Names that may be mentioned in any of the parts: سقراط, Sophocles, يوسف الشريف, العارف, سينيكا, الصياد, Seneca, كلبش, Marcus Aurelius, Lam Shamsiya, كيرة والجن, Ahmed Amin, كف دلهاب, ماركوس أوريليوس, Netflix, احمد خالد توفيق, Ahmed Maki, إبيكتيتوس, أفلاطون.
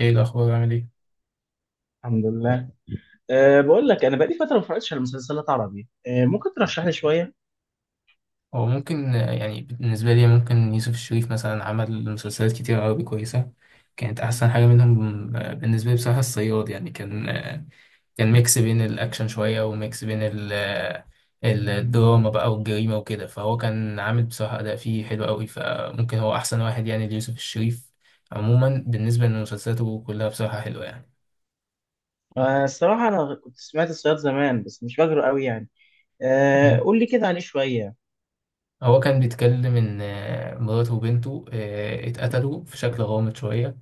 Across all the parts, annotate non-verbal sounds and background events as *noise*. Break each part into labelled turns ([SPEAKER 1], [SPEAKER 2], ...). [SPEAKER 1] ايه الاخبار عامل ايه؟
[SPEAKER 2] الحمد لله. بقول لك انا بقالي فتره ما اتفرجتش على مسلسلات عربي، ممكن ترشح لي شويه.
[SPEAKER 1] هو ممكن، يعني بالنسبه لي ممكن يوسف الشريف مثلا عمل مسلسلات كتير عربي كويسه. كانت احسن حاجه منهم، بالنسبه لي بصراحه الصياد يعني كان، كان ميكس بين الاكشن شويه وميكس بين الدراما بقى والجريمه وكده. فهو كان عامل بصراحه اداء فيه حلو قوي، فممكن هو احسن واحد يعني ليوسف الشريف. عموما بالنسبه لمسلسلاته كلها بصراحه حلوه يعني.
[SPEAKER 2] الصراحه انا كنت سمعت الصياد زمان بس مش فاكره قوي يعني.
[SPEAKER 1] مم.
[SPEAKER 2] قول لي كده عليه شويه.
[SPEAKER 1] هو كان بيتكلم إن، مراته وبنته اتقتلوا في شكل غامض شوية.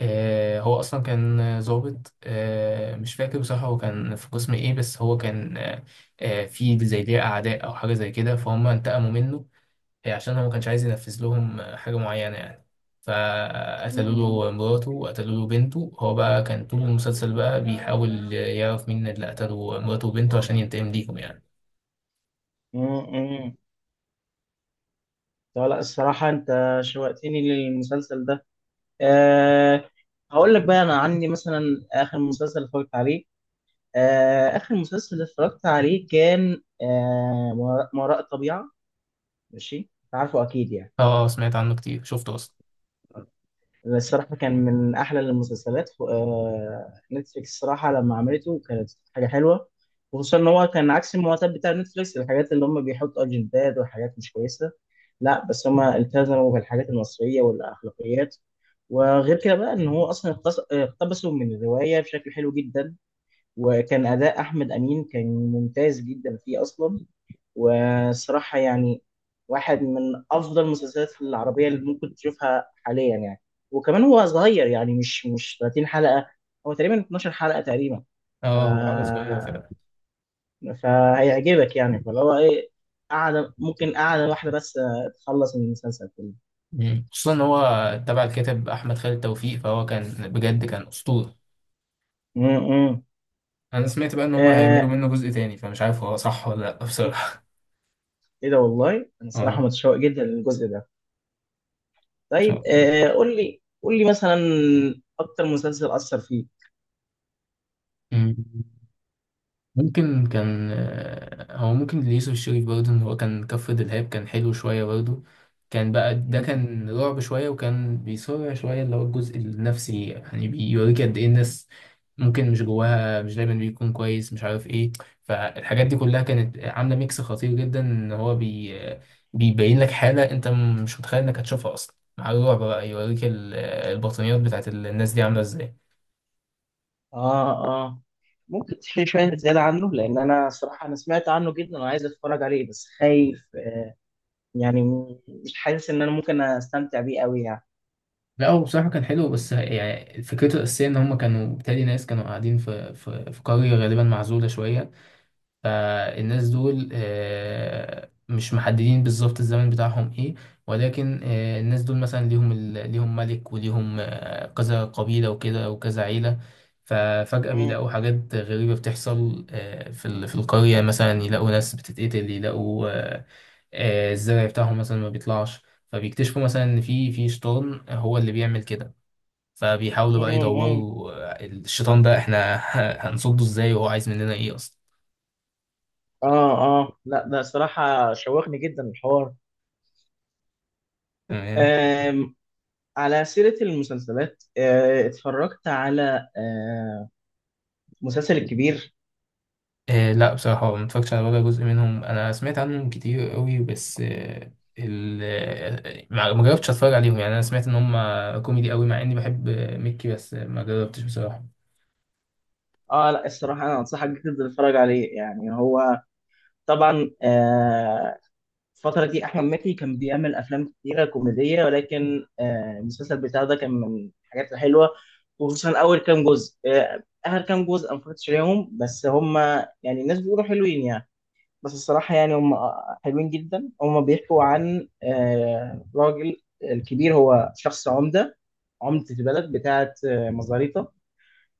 [SPEAKER 1] هو اصلا كان ضابط، مش فاكر بصراحه هو كان في قسم ايه، بس هو كان في زي ليه اعداء او حاجه زي كده، فهم انتقموا منه عشان هو ما كانش عايز ينفذ لهم حاجه معينه يعني.
[SPEAKER 2] مم.
[SPEAKER 1] فقتلوا له مراته وقتلوا له بنته. هو بقى كان طول المسلسل بقى بيحاول يعرف مين اللي قتلوا مراته وبنته عشان ينتقم ليهم يعني.
[SPEAKER 2] مم. مم. طب لا الصراحه انت شوقتني للمسلسل ده. أه هقول لك بقى انا عني مثلا، اخر مسلسل اتفرجت عليه اخر مسلسل اتفرجت عليه كان ما وراء الطبيعه. ماشي، أنت عارفه اكيد يعني.
[SPEAKER 1] اه، سمعت عنه كتير، شفته اصلا.
[SPEAKER 2] الصراحة كان من أحلى المسلسلات نتفليكس، الصراحة لما عملته كانت حاجة حلوة. وخصوصا إن هو كان عكس المعتاد بتاع نتفليكس، الحاجات اللي هم بيحطوا أجندات وحاجات مش كويسة. لا بس هم التزموا بالحاجات المصرية والأخلاقيات. وغير كده بقى إن هو أصلا اقتبسوا من الرواية بشكل حلو جدا. وكان أداء أحمد أمين كان ممتاز جدا فيه أصلا. وصراحة يعني واحد من أفضل المسلسلات العربية اللي ممكن تشوفها حاليا يعني. وكمان هو صغير يعني مش 30 حلقة، هو تقريبا 12 حلقة تقريبا. ف...
[SPEAKER 1] اه هو حاجه صغيره فعلا.
[SPEAKER 2] فهيعجبك يعني، فاللي هو إيه، قاعدة، ممكن قاعدة واحدة بس تخلص من المسلسل كله.
[SPEAKER 1] خصوصا ان هو تبع الكاتب احمد خالد توفيق، فهو كان بجد كان اسطوره.
[SPEAKER 2] امم
[SPEAKER 1] انا سمعت بقى ان هم هيعملوا
[SPEAKER 2] آه
[SPEAKER 1] منه جزء تاني، فمش عارف هو صح ولا لا
[SPEAKER 2] إيه،
[SPEAKER 1] بصراحه.
[SPEAKER 2] إيه ده والله، أنا
[SPEAKER 1] اه
[SPEAKER 2] الصراحة
[SPEAKER 1] ان
[SPEAKER 2] متشوق جدا للجزء ده.
[SPEAKER 1] شاء
[SPEAKER 2] طيب،
[SPEAKER 1] الله.
[SPEAKER 2] قول لي مثلا أكتر مسلسل أثر
[SPEAKER 1] مم. ممكن كان، هو ممكن ليوسف الشريف برضه، ان هو كان كف دلهاب كان حلو شوية برضه. كان بقى ده
[SPEAKER 2] فيك.
[SPEAKER 1] كان رعب شوية، وكان بيصارع شوية اللي هو الجزء النفسي يعني، بيوريك قد ايه الناس ممكن مش جواها مش دايما بيكون كويس مش عارف ايه. فالحاجات دي كلها كانت عاملة ميكس خطير جدا، ان هو بيبين لك حالة انت مش متخيل انك هتشوفها اصلا، مع الرعب بقى يوريك البطانيات بتاعت الناس دي عاملة ازاي.
[SPEAKER 2] اه اه، ممكن تحكي لي شويه زياده عنه؟ لان انا صراحه انا سمعت عنه جدا وعايز اتفرج عليه بس خايف يعني مش حاسس ان انا ممكن استمتع بيه قوي يعني.
[SPEAKER 1] لا هو بصراحة كان حلو، بس يعني فكرته الأساسية إن هما كانوا بالتالي ناس كانوا قاعدين في قرية غالبا معزولة شوية. فالناس دول، مش محددين بالظبط الزمن بتاعهم إيه، ولكن الناس دول مثلا ليهم ليهم ملك، وليهم كذا قبيلة وكده وكذا عيلة. ففجأة
[SPEAKER 2] مم،
[SPEAKER 1] بيلاقوا حاجات غريبة بتحصل في في القرية، مثلا يلاقوا ناس بتتقتل، يلاقوا الزرع بتاعهم مثلا ما بيطلعش. فبيكتشفوا مثلا ان في شيطان هو اللي بيعمل كده. فبيحاولوا
[SPEAKER 2] مم،
[SPEAKER 1] بقى
[SPEAKER 2] مم.
[SPEAKER 1] يدوروا، الشيطان ده احنا هنصده ازاي، وهو عايز مننا ايه اصلا.
[SPEAKER 2] اه اه لا ده صراحه شوقني جدا الحوار.
[SPEAKER 1] تمام.
[SPEAKER 2] آم، على سيره المسلسلات، اتفرجت على مسلسل الكبير.
[SPEAKER 1] آه لا بصراحة ما اتفرجتش على ولا جزء منهم. انا سمعت عنهم كتير قوي، بس ما جربتش اتفرج عليهم يعني. انا سمعت ان هم كوميدي قوي، مع اني بحب ميكي، بس ما جربتش بصراحة.
[SPEAKER 2] اه لا الصراحه انا انصحك جدا تتفرج عليه يعني هو. طبعا، الفترة دي أحمد مكي كان بيعمل أفلام كتيرة كوميدية ولكن المسلسل بتاعه ده كان من الحاجات الحلوة. وخصوصا أول كام جزء، آخر كام جزء أنا مفرجتش عليهم بس هما يعني الناس بيقولوا حلوين يعني. بس الصراحة يعني هما حلوين جدا. هما بيحكوا عن راجل، الكبير هو شخص عمدة، عمدة البلد بتاعة مزاريطة.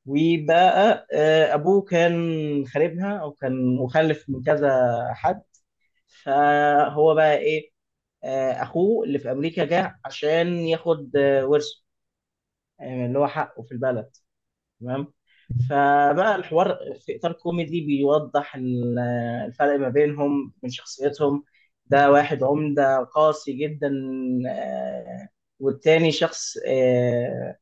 [SPEAKER 2] وبقى أبوه كان خاربها أو كان مخلف من كذا حد. فهو بقى إيه، اخوه اللي في امريكا جه عشان ياخد ورثه، يعني اللي هو حقه في البلد. تمام. فبقى الحوار في اطار كوميدي بيوضح الفرق ما بينهم من شخصيتهم. ده واحد عمدة قاسي جدا، آه، والتاني شخص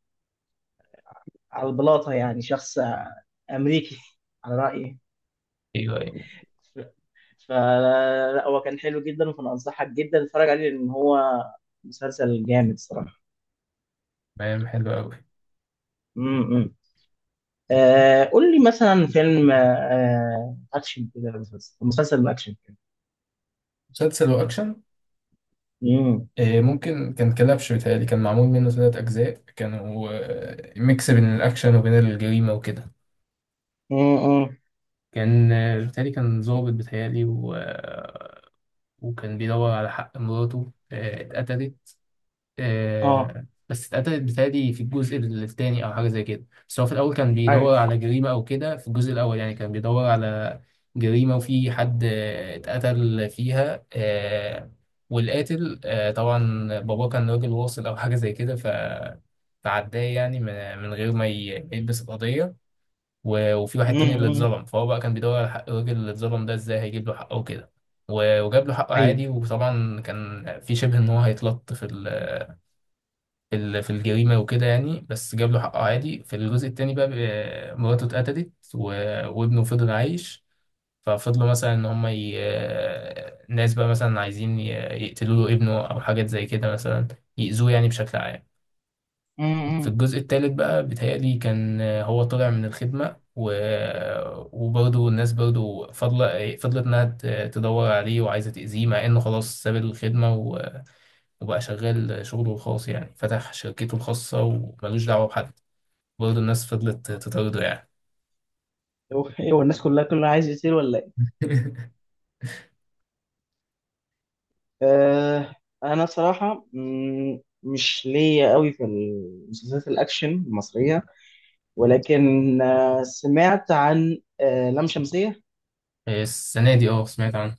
[SPEAKER 2] على البلاطة يعني، شخص أمريكي *laughs* على رأيي.
[SPEAKER 1] ايوه، ايوه.
[SPEAKER 2] فلا، هو كان حلو جدا، فأنا أنصحك جدا تتفرج عليه لأن هو مسلسل جامد صراحة.
[SPEAKER 1] تمام حلو قوي.
[SPEAKER 2] م- م. قول لي مثلا فيلم اكشن كده، مسلسل اكشن كده.
[SPEAKER 1] مسلسل وأكشن.
[SPEAKER 2] امم
[SPEAKER 1] ممكن كان كلبش بيتهيألي، كان معمول منه 3 أجزاء، كانوا ميكس بين الأكشن وبين الجريمة وكده.
[SPEAKER 2] امم
[SPEAKER 1] كان بالتالي كان ظابط بيتهيألي، وكان بيدور على حق مراته اتقتلت.
[SPEAKER 2] اه
[SPEAKER 1] بس اتقتلت بيتهيألي في الجزء الثاني أو حاجة زي كده. بس هو في الأول كان
[SPEAKER 2] ايوه.
[SPEAKER 1] بيدور على جريمة أو كده. في الجزء الأول يعني كان بيدور على جريمة، وفي حد اتقتل فيها والقاتل، طبعا باباه كان راجل واصل أو حاجة زي كده فعداه يعني من غير ما يلبس القضية. وفي واحد تاني اللي
[SPEAKER 2] امم
[SPEAKER 1] اتظلم، فهو بقى كان بيدور على حق الراجل اللي اتظلم ده ازاي هيجيب له حقه وكده. وجاب له حقه
[SPEAKER 2] ايوه.
[SPEAKER 1] عادي، وطبعا كان في شبه ان هو هيتلط في في الجريمه وكده يعني، بس جاب له حقه عادي. في الجزء التاني بقى مراته اتقتلت، وابنه فضل عايش. ففضلوا مثلا ان هم الناس بقى مثلا عايزين يقتلوا له ابنه او حاجات زي كده مثلا، يأذوه يعني بشكل عام. في
[SPEAKER 2] امم
[SPEAKER 1] الجزء الثالث بقى بيتهيألي كان هو طلع من الخدمة، وبرضه الناس برضه فضلت إنها تدور عليه وعايزة تأذيه، مع إنه خلاص ساب الخدمة، وبقى شغال شغله الخاص، يعني فتح شركته الخاصة وملوش دعوة بحد. برضه الناس فضلت تطارده يعني.
[SPEAKER 2] هو إيه، هو الناس كلها عايز يصير ولا ايه؟
[SPEAKER 1] *laughs*
[SPEAKER 2] آه انا صراحة مش ليا قوي في المسلسلات الاكشن المصرية، ولكن سمعت عن لام شمسية.
[SPEAKER 1] السنة دي اه، سمعت عنه.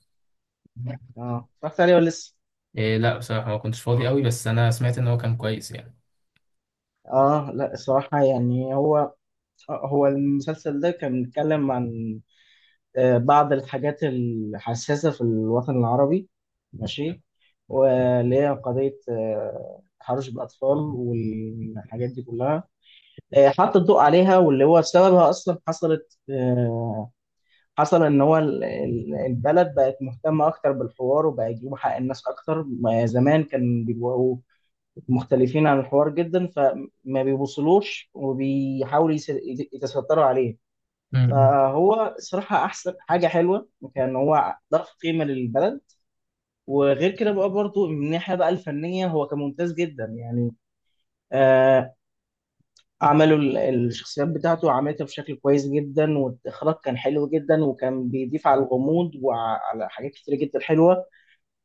[SPEAKER 2] اه، اتفرجت عليه ولا لسه؟
[SPEAKER 1] إيه لا بصراحة ما كنتش فاضي قوي، بس أنا سمعت إن هو كان كويس يعني.
[SPEAKER 2] اه لا الصراحة يعني هو هو المسلسل ده كان بيتكلم عن بعض الحاجات الحساسة في الوطن العربي. ماشي، واللي هي قضية تحرش بالأطفال والحاجات دي كلها. حط الضوء عليها واللي هو سببها. أصلا حصلت حصل إن هو البلد بقت مهتمة أكتر بالحوار وبقى يجيبوا حق الناس أكتر. ما زمان كان بيبقوا مختلفين عن الحوار جدا فما بيبوصلوش وبيحاولوا يتستروا عليه.
[SPEAKER 1] م- م.
[SPEAKER 2] فهو صراحة أحسن حاجة حلوة كان هو ضاف قيمة للبلد. وغير كده بقى برضو من الناحية بقى الفنية هو كان ممتاز جدا يعني. آه عملوا الشخصيات بتاعته عملتها بشكل كويس جدا، والإخراج كان حلو جدا وكان بيضيف على الغموض وعلى حاجات كتير جدا حلوة.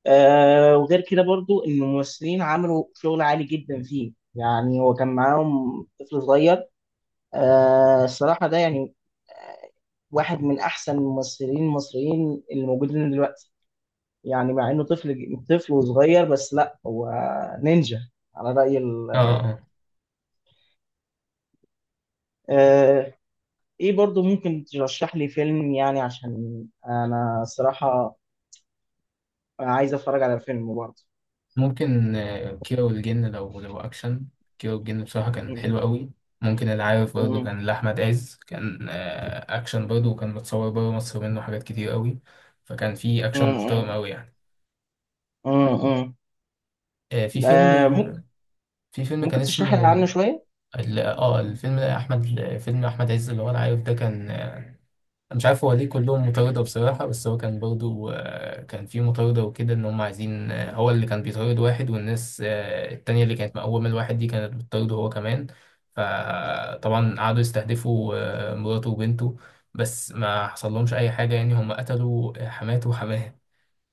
[SPEAKER 2] وغير كده برضو إن الممثلين عملوا شغل عالي جدا فيه. يعني هو كان معاهم طفل صغير. الصراحة ده يعني آه، واحد من أحسن الممثلين المصريين اللي موجودين دلوقتي، يعني مع إنه طفل وصغير، بس لا هو نينجا على رأي ال.
[SPEAKER 1] اه، اه.
[SPEAKER 2] آه إيه، برضو ممكن ترشح لي فيلم يعني؟ عشان أنا الصراحة عايز أتفرج على فيلم برضه.
[SPEAKER 1] ممكن كيرة والجن، لو أكشن. كيرة والجن بصراحة كان
[SPEAKER 2] م-
[SPEAKER 1] حلو قوي. ممكن العارف برضه
[SPEAKER 2] م-
[SPEAKER 1] كان لأحمد عز، كان أكشن برضه، وكان متصور بره مصر منه حاجات كتير قوي. فكان في أكشن محترم
[SPEAKER 2] م-
[SPEAKER 1] قوي يعني.
[SPEAKER 2] م- م. م.
[SPEAKER 1] آه، في فيلم
[SPEAKER 2] ممكن،
[SPEAKER 1] في فيلم كان
[SPEAKER 2] ممكن تشرح
[SPEAKER 1] اسمه،
[SPEAKER 2] لي عنه شوية؟
[SPEAKER 1] الفيلم ده أحمد، فيلم أحمد عز اللي هو العارف ده، كان أنا مش عارف هو ليه كلهم مطاردة بصراحة. بس هو كان برضو، كان في مطاردة وكده، إن هم عايزين، هو اللي كان بيطارد واحد، والناس التانية اللي كانت مقومة الواحد دي كانت بتطارده هو كمان. فطبعا قعدوا يستهدفوا مراته وبنته، بس ما حصل لهمش أي حاجة يعني. هم قتلوا حماته وحماه،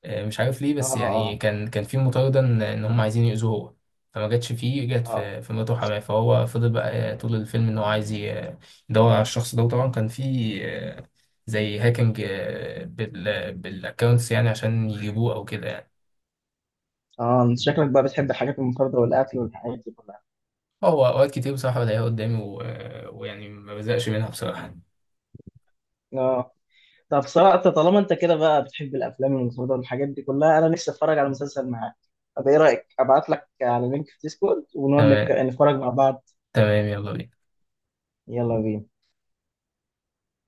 [SPEAKER 1] مش عارف ليه،
[SPEAKER 2] آه
[SPEAKER 1] بس يعني
[SPEAKER 2] آه
[SPEAKER 1] كان في مطارده ان هم عايزين يأذوه هو. فما جاتش فيه، جت
[SPEAKER 2] آه
[SPEAKER 1] في مراته حماه. فهو فضل بقى طول الفيلم ان هو عايز يدور على الشخص ده. وطبعا كان في آه، زي هاكينج بالاكونتس يعني عشان يجيبوه او كده يعني.
[SPEAKER 2] شكلك بقى بتحب الحاجات المنفردة والأكل والحاجات دي كلها.
[SPEAKER 1] هو اوقات كتير بصراحه بلاقيها قدامي، ويعني ما بزهقش منها بصراحه.
[SPEAKER 2] آه. طب صراحة طالما انت كده بقى بتحب الافلام والمسلسلات والحاجات دي كلها، انا نفسي اتفرج على مسلسل معاك. طب ايه رايك ابعت لك على لينك في ديسكورد ونقعد
[SPEAKER 1] تمام.
[SPEAKER 2] نتفرج مع بعض؟
[SPEAKER 1] تمام، يلا بينا.
[SPEAKER 2] يلا بينا.